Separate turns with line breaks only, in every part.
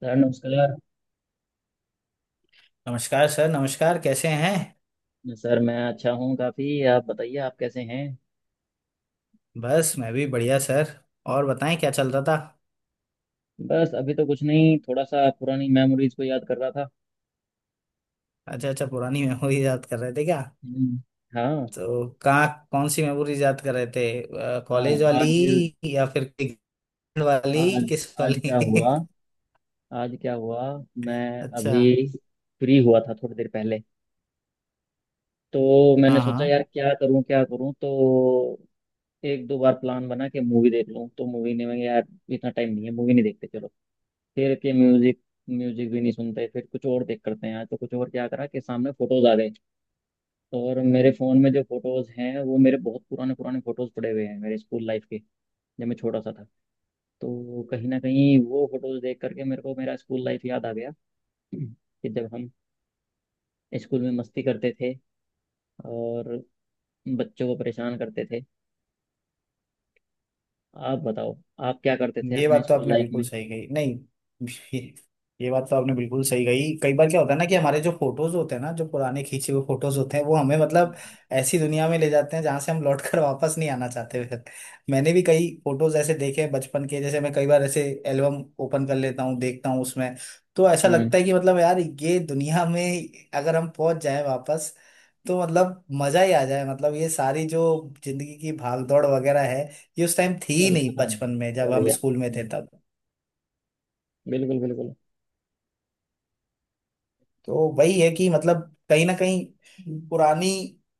Sir नमस्कार।
नमस्कार sir. नमस्कार, कैसे हैं?
सर, मैं अच्छा हूँ काफ़ी। आप बताइए, आप कैसे हैं?
बस मैं भी बढ़िया सर। और बताएं, क्या चल रहा था?
बस अभी तो कुछ नहीं, थोड़ा सा पुरानी मेमोरीज को याद कर रहा था।
अच्छा अच्छा, पुरानी मेमोरी याद कर रहे थे क्या?
हम्म, हाँ।
तो कहाँ, कौन सी मेमोरी याद कर रहे थे,
आ,
कॉलेज वाली
आज
या फिर क्रिकेट वाली?
आज
किस
आज क्या
वाली?
हुआ? आज क्या हुआ? मैं
अच्छा।
अभी फ्री हुआ था थोड़ी देर पहले। तो मैंने
हाँ
सोचा,
हाँ,
यार क्या करूँ, क्या करूँ। तो एक दो बार प्लान बना के मूवी देख लूँ, तो मूवी ने मैं, यार इतना टाइम नहीं है, मूवी नहीं देखते, चलो। फिर के म्यूजिक। म्यूजिक भी नहीं सुनते। फिर कुछ और देख करते हैं, आज तो कुछ और क्या करा कि सामने फोटोज आ गए। और मेरे फ़ोन में जो फ़ोटोज़ हैं वो मेरे बहुत पुराने पुराने फ़ोटोज़ पड़े हुए हैं मेरे स्कूल लाइफ के। जब मैं छोटा सा था, तो कहीं ना कहीं वो फ़ोटोज़ देख करके मेरे को मेरा स्कूल लाइफ याद आ गया कि जब हम स्कूल में मस्ती करते थे और बच्चों को परेशान करते थे। आप बताओ, आप क्या करते थे
ये
अपने
बात तो
स्कूल
आपने
लाइफ
बिल्कुल
में?
सही कही। नहीं ये, ये बात तो आपने बिल्कुल सही कही। कई बार क्या होता है ना कि हमारे जो फोटोज होते हैं ना, जो पुराने खींचे हुए फोटोज होते हैं, वो हमें मतलब ऐसी दुनिया में ले जाते हैं जहां से हम लौट कर वापस नहीं आना चाहते फिर। मैंने भी कई फोटोज ऐसे देखे हैं बचपन के। जैसे मैं कई बार ऐसे एल्बम ओपन कर लेता हूँ, देखता हूँ उसमें, तो ऐसा
हम्म।
लगता है कि मतलब यार, ये दुनिया में अगर हम पहुंच जाए वापस तो मतलब मजा ही आ जाए। मतलब ये सारी जो जिंदगी की भागदौड़ वगैरह है, ये उस टाइम थी ही
बस
नहीं
बताओ।
बचपन में, जब हम
बढ़िया।
स्कूल में थे तब।
बिल्कुल बिल्कुल।
तो वही है कि मतलब कहीं ना कहीं पुरानी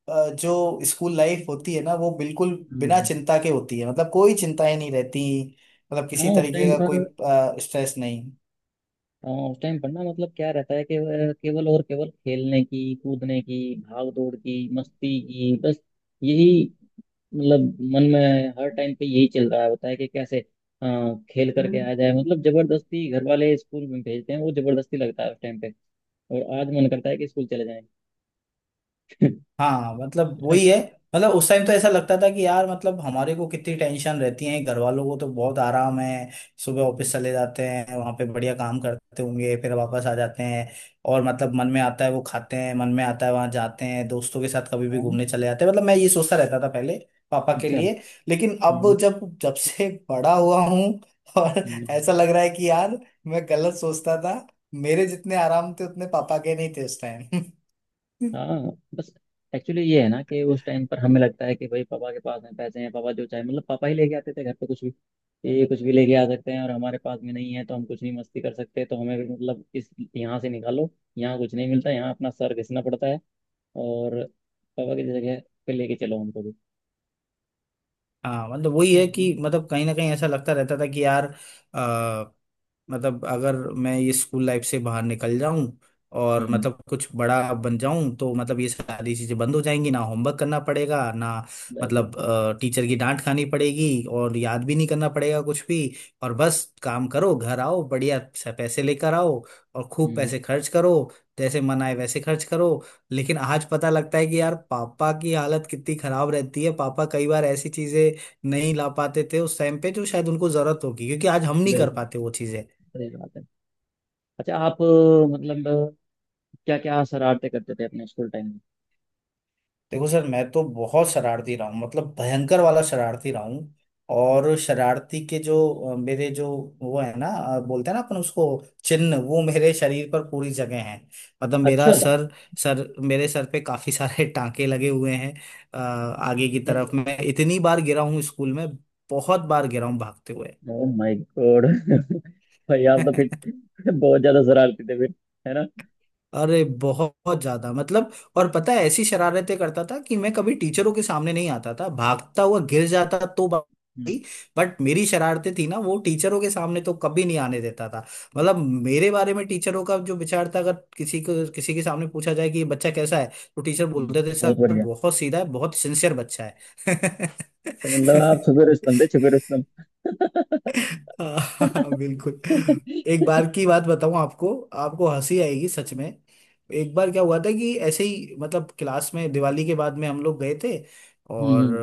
जो स्कूल लाइफ होती है ना, वो बिल्कुल बिना
हम्म,
चिंता के होती है। मतलब कोई चिंताएं नहीं रहती, मतलब किसी
हाँ उस
तरीके
टाइम
का
पर
कोई स्ट्रेस नहीं।
हाँ उस टाइम पर ना, मतलब क्या रहता है कि वह केवल और केवल खेलने की, कूदने की, भाग दौड़ की, मस्ती की, बस यही। मतलब मन में हर टाइम पे यही चल रहा होता है कि कैसे अ, खेल करके आ जाए। मतलब जबरदस्ती घर वाले स्कूल में भेजते हैं, वो जबरदस्ती लगता है उस टाइम पे। और आज मन करता है कि स्कूल चले जाएं। है
हाँ मतलब वही है।
ना?
मतलब उस टाइम तो ऐसा लगता था कि यार, मतलब हमारे को कितनी टेंशन रहती है, घर वालों को तो बहुत आराम है। सुबह
हम्म,
ऑफिस चले जाते हैं, वहां पे बढ़िया काम करते होंगे, फिर वापस आ जाते हैं। और मतलब मन में आता है वो खाते हैं, मन में आता है वहां जाते हैं, दोस्तों के साथ कभी भी
हाँ।
घूमने चले जाते हैं। मतलब मैं ये सोचता रहता था पहले पापा के
अच्छा।
लिए। लेकिन
हम्म।
अब जब जब से बड़ा हुआ हूँ और
हम्म।
ऐसा लग रहा है कि यार, मैं गलत सोचता था। मेरे जितने आराम थे उतने पापा के नहीं थे उस टाइम।
हाँ बस, एक्चुअली ये है ना कि उस टाइम पर हमें लगता है कि भाई पापा के पास में पैसे हैं, पापा जो चाहे, मतलब पापा ही लेके आते थे घर पे कुछ भी, कि ये कुछ भी लेके आ सकते हैं और हमारे पास में नहीं है, तो हम कुछ नहीं मस्ती कर सकते, तो हमें भी मतलब इस, यहाँ से निकालो, यहाँ कुछ नहीं मिलता, यहाँ अपना सर घिसना पड़ता है, और पापा की जगह पे लेके चलो हमको भी।
हाँ मतलब वही है कि
हम्म।
मतलब कहीं ना कहीं ऐसा लगता रहता था कि यार अ, मतलब अगर मैं ये स्कूल लाइफ से बाहर निकल जाऊं और
हम्म,
मतलब कुछ बड़ा बन जाऊं, तो मतलब ये सारी चीजें बंद हो जाएंगी। ना होमवर्क करना पड़ेगा, ना
बस बस।
मतलब टीचर की डांट खानी पड़ेगी, और याद भी नहीं करना पड़ेगा कुछ भी। और बस काम करो, घर आओ, बढ़िया से पैसे लेकर आओ और खूब
हम्म,
पैसे खर्च करो, जैसे मन आए वैसे खर्च करो। लेकिन आज पता लगता है कि यार पापा की हालत कितनी खराब रहती है। पापा कई बार ऐसी चीजें नहीं ला पाते थे उस टाइम पे, जो शायद उनको जरूरत होगी, क्योंकि आज हम नहीं कर
बिल्कुल।
पाते वो चीजें।
सही बात है। अच्छा, आप मतलब क्या क्या शरारते करते थे अपने स्कूल टाइम में?
देखो सर, मैं तो बहुत शरारती रहा हूँ, मतलब भयंकर वाला शरारती रहा हूँ। और शरारती के जो मेरे जो वो है ना, बोलते हैं ना अपन उसको चिन्ह, वो मेरे शरीर पर पूरी जगह है। मतलब मेरा
अच्छा।
सर, सर मेरे सर पे काफी सारे टांके लगे हुए हैं। आगे की
कैसे?
तरफ मैं इतनी बार गिरा हूँ स्कूल में, बहुत बार गिरा हूँ भागते हुए।
Oh my God! भाई यार, तो फिर बहुत ज्यादा शरारती थे फिर, है ना?
अरे बहुत ज्यादा मतलब। और पता है, ऐसी शरारतें करता था कि मैं कभी टीचरों के सामने नहीं आता था भागता हुआ। गिर जाता तो
हम्म।
भाई, बट मेरी शरारतें थी ना, वो टीचरों के सामने तो कभी नहीं आने देता था।
हम्म।
मतलब मेरे बारे में टीचरों का जो विचार था, अगर किसी को किसी के सामने पूछा जाए कि ये बच्चा कैसा है, तो टीचर बोलते थे
बहुत
सर
बढ़िया।
बहुत सीधा है, बहुत सिंसियर बच्चा है।
तो मतलब आप छुपे रुस्तम थे, छुपे रुस्तम।
हाँ हाँ,
हम्म,
बिल्कुल। एक बार की बात बताऊं आपको, आपको हंसी आएगी सच में। एक बार क्या हुआ था कि ऐसे ही मतलब क्लास में दिवाली के बाद में हम लोग गए थे, और
हम्म,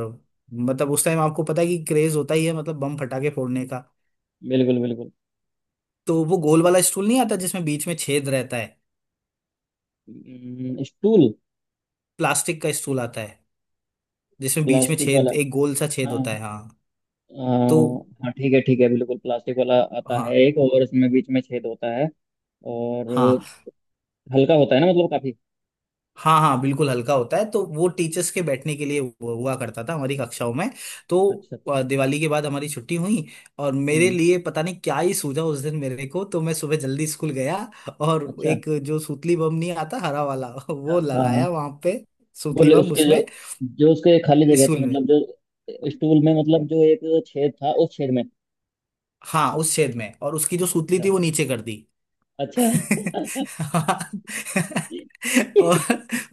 मतलब उस टाइम आपको पता है कि क्रेज होता ही है, मतलब बम फटाके फोड़ने का।
बिल्कुल बिल्कुल।
तो वो गोल वाला स्टूल नहीं आता जिसमें बीच में छेद रहता है,
स्टूल।
प्लास्टिक का स्टूल आता है जिसमें बीच में
प्लास्टिक वाला,
छेद, एक गोल सा छेद
हाँ।
होता है। हाँ तो
अ, हाँ ठीक है, ठीक है, बिल्कुल प्लास्टिक वाला आता है
हाँ
एक, और इसमें बीच में छेद होता है। और
हाँ,
हल्का होता है ना, मतलब काफी।
हाँ बिल्कुल हल्का होता है। तो वो टीचर्स के बैठने के लिए हुआ करता था हमारी कक्षाओं में। तो
अच्छा, अच्छा।
दिवाली के बाद हमारी छुट्टी हुई, और मेरे
हम्म।
लिए पता नहीं क्या ही सूझा उस दिन मेरे को, तो मैं सुबह जल्दी स्कूल गया और
अच्छा।
एक जो सूतली बम नहीं आता, हरा वाला
हाँ,
वो
हाँ।
लगाया वहां पे। सूतली
बोले,
बम
उसके जो,
उसमें,
जो उसके खाली जगह थी,
स्कूल में,
मतलब जो स्टूल में, मतलब जो एक छेद था, उस छेद में।
हाँ उस छेद में, और उसकी जो सूतली
अच्छा।
थी वो नीचे कर दी।
अच्छा।
हाँ। और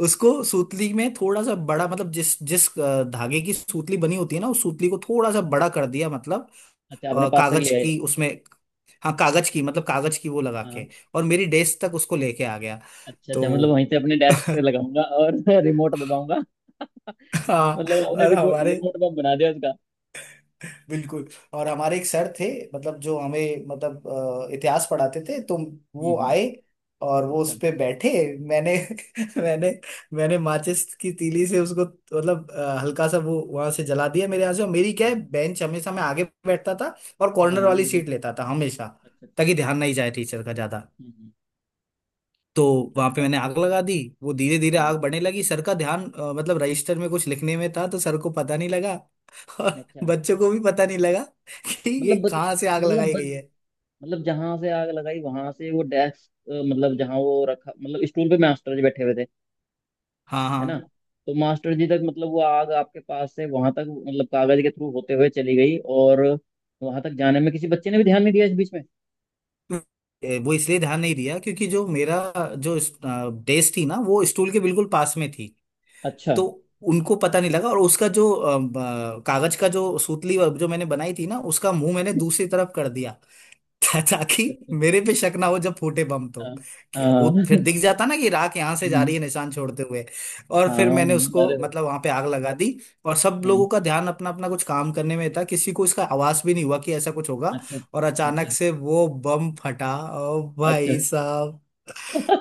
उसको सूतली में थोड़ा सा बड़ा, मतलब जिस जिस धागे की सूतली बनी होती है ना, उस सूतली को थोड़ा सा बड़ा कर दिया, मतलब
अच्छा, आपने पास तक
कागज
ले आए?
की उसमें, हाँ कागज की, मतलब कागज की वो लगा
हाँ।
के और मेरी डेस्क तक उसको लेके आ गया।
अच्छा,
तो
अच्छा, मतलब वहीं से अपने डेस्क से लगाऊंगा और रिमोट दबाऊंगा।
हाँ।
मतलब आपने
और
रिमोट
हमारे,
रिमोट बम बना दिया उसका।
बिल्कुल, और हमारे एक सर थे, मतलब जो हमें मतलब इतिहास पढ़ाते थे। तो
हम्म।
वो आए और वो
अच्छा।
उस पे बैठे। मैंने मैंने मैंने माचिस की तीली से उसको, मतलब हल्का सा वो वहां से जला दिया मेरे यहाँ से। और मेरी क्या है,
हम्म,
बेंच, हमेशा मैं आगे बैठता था और
हाँ,
कॉर्नर
हाँ,
वाली
बिल्कुल।
सीट लेता था हमेशा,
अच्छा, अच्छा।
ताकि ध्यान नहीं जाए टीचर का ज्यादा।
हम्म।
तो वहां पे
अच्छा।
मैंने आग लगा दी। वो धीरे धीरे
हम्म,
आग बढ़ने लगी, सर का ध्यान मतलब रजिस्टर में कुछ लिखने में था, तो सर को पता नहीं लगा और
अच्छा।
बच्चों को भी पता नहीं लगा कि ये
मतलब बत,
कहाँ से आग
मतलब
लगाई गई
बत,
है।
मतलब जहां से आग लगाई वहां से वो डेस्क, मतलब जहां वो रखा, मतलब स्टूल पे मास्टर जी बैठे हुए थे,
हाँ
है ना?
हाँ।
तो मास्टर जी तक मतलब वो आग आपके पास से वहां तक मतलब कागज के थ्रू होते हुए चली गई, और वहां तक जाने में किसी बच्चे ने भी ध्यान नहीं दिया इस बीच में।
वो इसलिए ध्यान नहीं दिया क्योंकि जो मेरा जो डेस्क थी ना, वो स्टूल के बिल्कुल पास में थी,
अच्छा।
तो उनको पता नहीं लगा। और उसका जो कागज का जो सूतली जो मैंने बनाई थी ना, उसका मुंह मैंने दूसरी तरफ कर दिया, ताकि
अच्छा।
मेरे पे शक ना हो जब फूटे बम तो,
हाँ,
कि वो
हाँ।
फिर दिख जाता ना कि राख यहाँ से जा
हम्म,
रही है निशान छोड़ते हुए। और फिर मैंने
हाँ,
उसको
अरे।
मतलब वहां पे आग लगा दी, और सब
हम्म,
लोगों का ध्यान अपना अपना कुछ काम करने में था, किसी को इसका आवाज भी नहीं हुआ कि ऐसा कुछ होगा।
अच्छा,
और अचानक
अच्छा,
से वो बम फटा। ओ
अच्छा।
भाई साहब,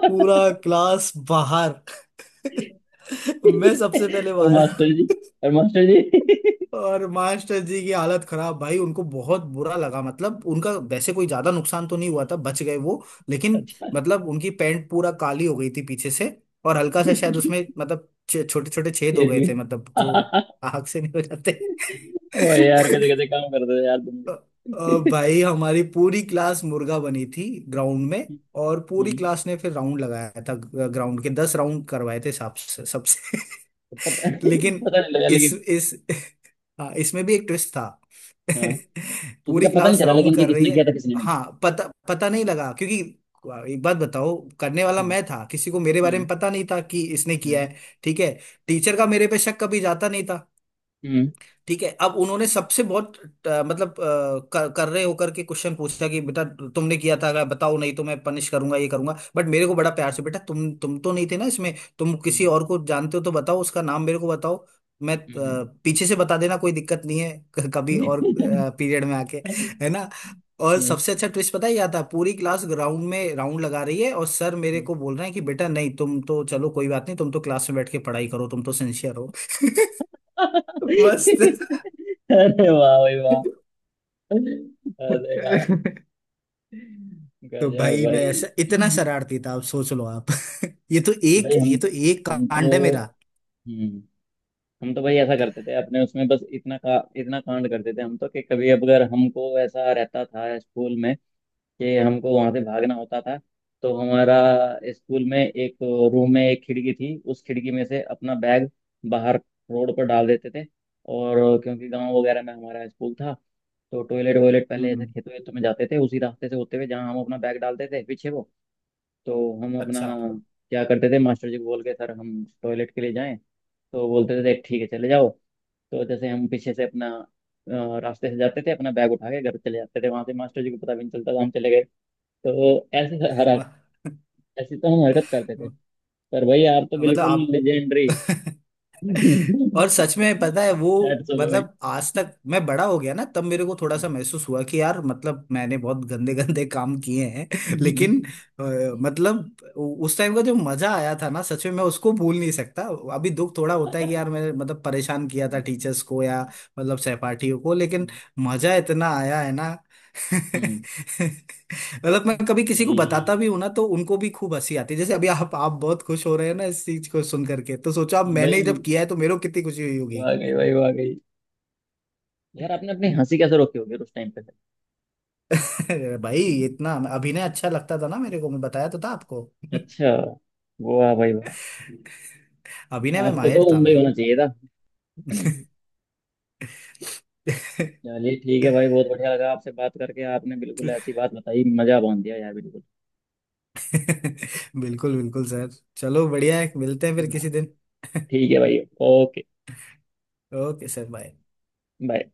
पूरा क्लास बाहर! मैं सबसे पहले
और
बाहर।
मास्टर जी, और मास्टर जी।
और मास्टर जी की हालत खराब भाई, उनको बहुत बुरा लगा। मतलब उनका वैसे कोई ज्यादा नुकसान तो नहीं हुआ था, बच गए वो, लेकिन
अच्छा।
मतलब उनकी पैंट पूरा काली हो गई थी पीछे से, और हल्का सा शायद उसमें मतलब छोटे छोटे छेद
ये
हो गए
जी!
थे, मतलब जो आग से नहीं हो जाते।
ओ यार, कैसे कैसे काम कर रहे हो यार तुम
अ-
भी।
भाई, हमारी पूरी क्लास मुर्गा बनी थी ग्राउंड में, और पूरी
हम्म।
क्लास ने फिर राउंड लगाया था, ग्राउंड के दस राउंड करवाए थे सबसे सबसे
पता
लेकिन
पता नहीं लगा
इस
लेकिन।
इस हाँ इसमें भी एक ट्विस्ट था।
हाँ, किसी
पूरी
का पता नहीं
क्लास
चला
राउंड
लेकिन कि
कर रही
किसने
है।
किया था किसने नहीं।
हाँ पता पता नहीं लगा क्योंकि एक बात बताओ, करने वाला
हम्म।
मैं था, किसी को मेरे बारे
हम्म।
में पता नहीं था कि इसने किया है। ठीक है, टीचर का मेरे पे शक कभी जाता नहीं।
हम्म।
ठीक है, अब उन्होंने सबसे बहुत मतलब कर रहे होकर के क्वेश्चन पूछा कि बेटा तुमने किया था, अगर बताओ, नहीं तो मैं पनिश करूंगा ये करूंगा। बट मेरे को बड़ा प्यार से, बेटा तुम तो नहीं थे ना इसमें, तुम किसी
हम्म।
और को जानते हो तो बताओ, उसका नाम मेरे को बताओ, मैं,
हम्म।
पीछे से बता देना कोई दिक्कत नहीं है, कभी
हम्म,
और पीरियड में आके,
हम्म,
है ना। और
हम्म,
सबसे अच्छा ट्विस्ट पता है क्या था, पूरी क्लास ग्राउंड में राउंड लगा रही है और सर मेरे
हम्म।
को बोल रहे हैं कि बेटा नहीं, तुम तो चलो कोई बात नहीं, तुम तो क्लास में बैठ के पढ़ाई करो, तुम तो सिंसियर हो। बस।
अरे वाह भाई वाह। अरे यार,
तो
गजब
भाई, मैं
भाई।
ऐसा इतना शरारती था आप सोच लो आप। ये तो एक,
भाई हम
ये तो एक
हम
कांड है
तो,
मेरा।
हम्म, हम तो भाई ऐसा करते थे अपने उसमें, बस इतना कांड करते थे हम तो, कि कभी अगर हमको ऐसा रहता था स्कूल में कि हमको वहां से भागना होता था, तो हमारा स्कूल में एक रूम में एक खिड़की थी, उस खिड़की में से अपना बैग बाहर रोड पर डाल देते थे। और क्योंकि गांव वगैरह में हमारा स्कूल था, तो टॉयलेट वॉयलेट पहले ऐसे
हम्म।
खेतों वेतों में जाते थे उसी रास्ते से होते हुए, जहाँ हम अपना बैग डालते थे पीछे वो। तो हम अपना
अच्छा।
क्या करते थे, मास्टर जी को बोल के, सर हम टॉयलेट के लिए जाएं, तो बोलते थे देख ठीक है चले जाओ। तो जैसे हम पीछे से अपना रास्ते से जाते थे, अपना बैग उठा के घर चले जाते थे वहां से, मास्टर जी को पता भी नहीं चलता था हम चले गए। तो ऐसे हर ऐसी तो हम हरकत करते थे। पर भाई, आप तो
मतलब
बिल्कुल
आप।
लेजेंडरी।
और सच में पता है वो,
हैट्स ऑफ भाई।
मतलब आज तक मैं बड़ा हो गया ना, तब मेरे को थोड़ा सा महसूस हुआ कि यार, मतलब मैंने बहुत गंदे गंदे काम किए हैं, लेकिन अ, मतलब उस टाइम का जो मजा आया था ना, सच में मैं उसको भूल नहीं सकता। अभी दुख थोड़ा होता है कि यार मैंने मतलब परेशान किया था टीचर्स को या मतलब सहपाठियों को, लेकिन मजा इतना आया है ना।
हम्म।
मतलब मैं कभी किसी को
भाई,
बताता भी हूं ना, तो उनको भी खूब हंसी आती है, जैसे अभी आप बहुत खुश हो रहे हैं ना इस चीज को सुन करके, तो सोचो अब मैंने
भाई,
जब किया है तो मेरे को कितनी खुशी हुई होगी।
वाह गई भाई, वाह गई यार। आपने अपनी हंसी कैसे रोकी होगी उस टाइम पे?
भाई,
हम्म,
इतना अभिनय अच्छा लगता था ना मेरे को, मैं बताया तो था आपको,
अच्छा। वाह भाई वाह।
अभिनय में
आपको तो
माहिर था
मुंबई
मैं।
होना चाहिए था। चलिए ठीक है भाई, बहुत बढ़िया लगा आपसे बात करके। आपने बिल्कुल ऐसी बात बताई, मजा बांध दिया यार, बिल्कुल।
बिल्कुल बिल्कुल सर। चलो बढ़िया है, मिलते हैं फिर
हाँ,
किसी दिन।
ठीक है भाई। Okay,
okay sir, bye.
Bye.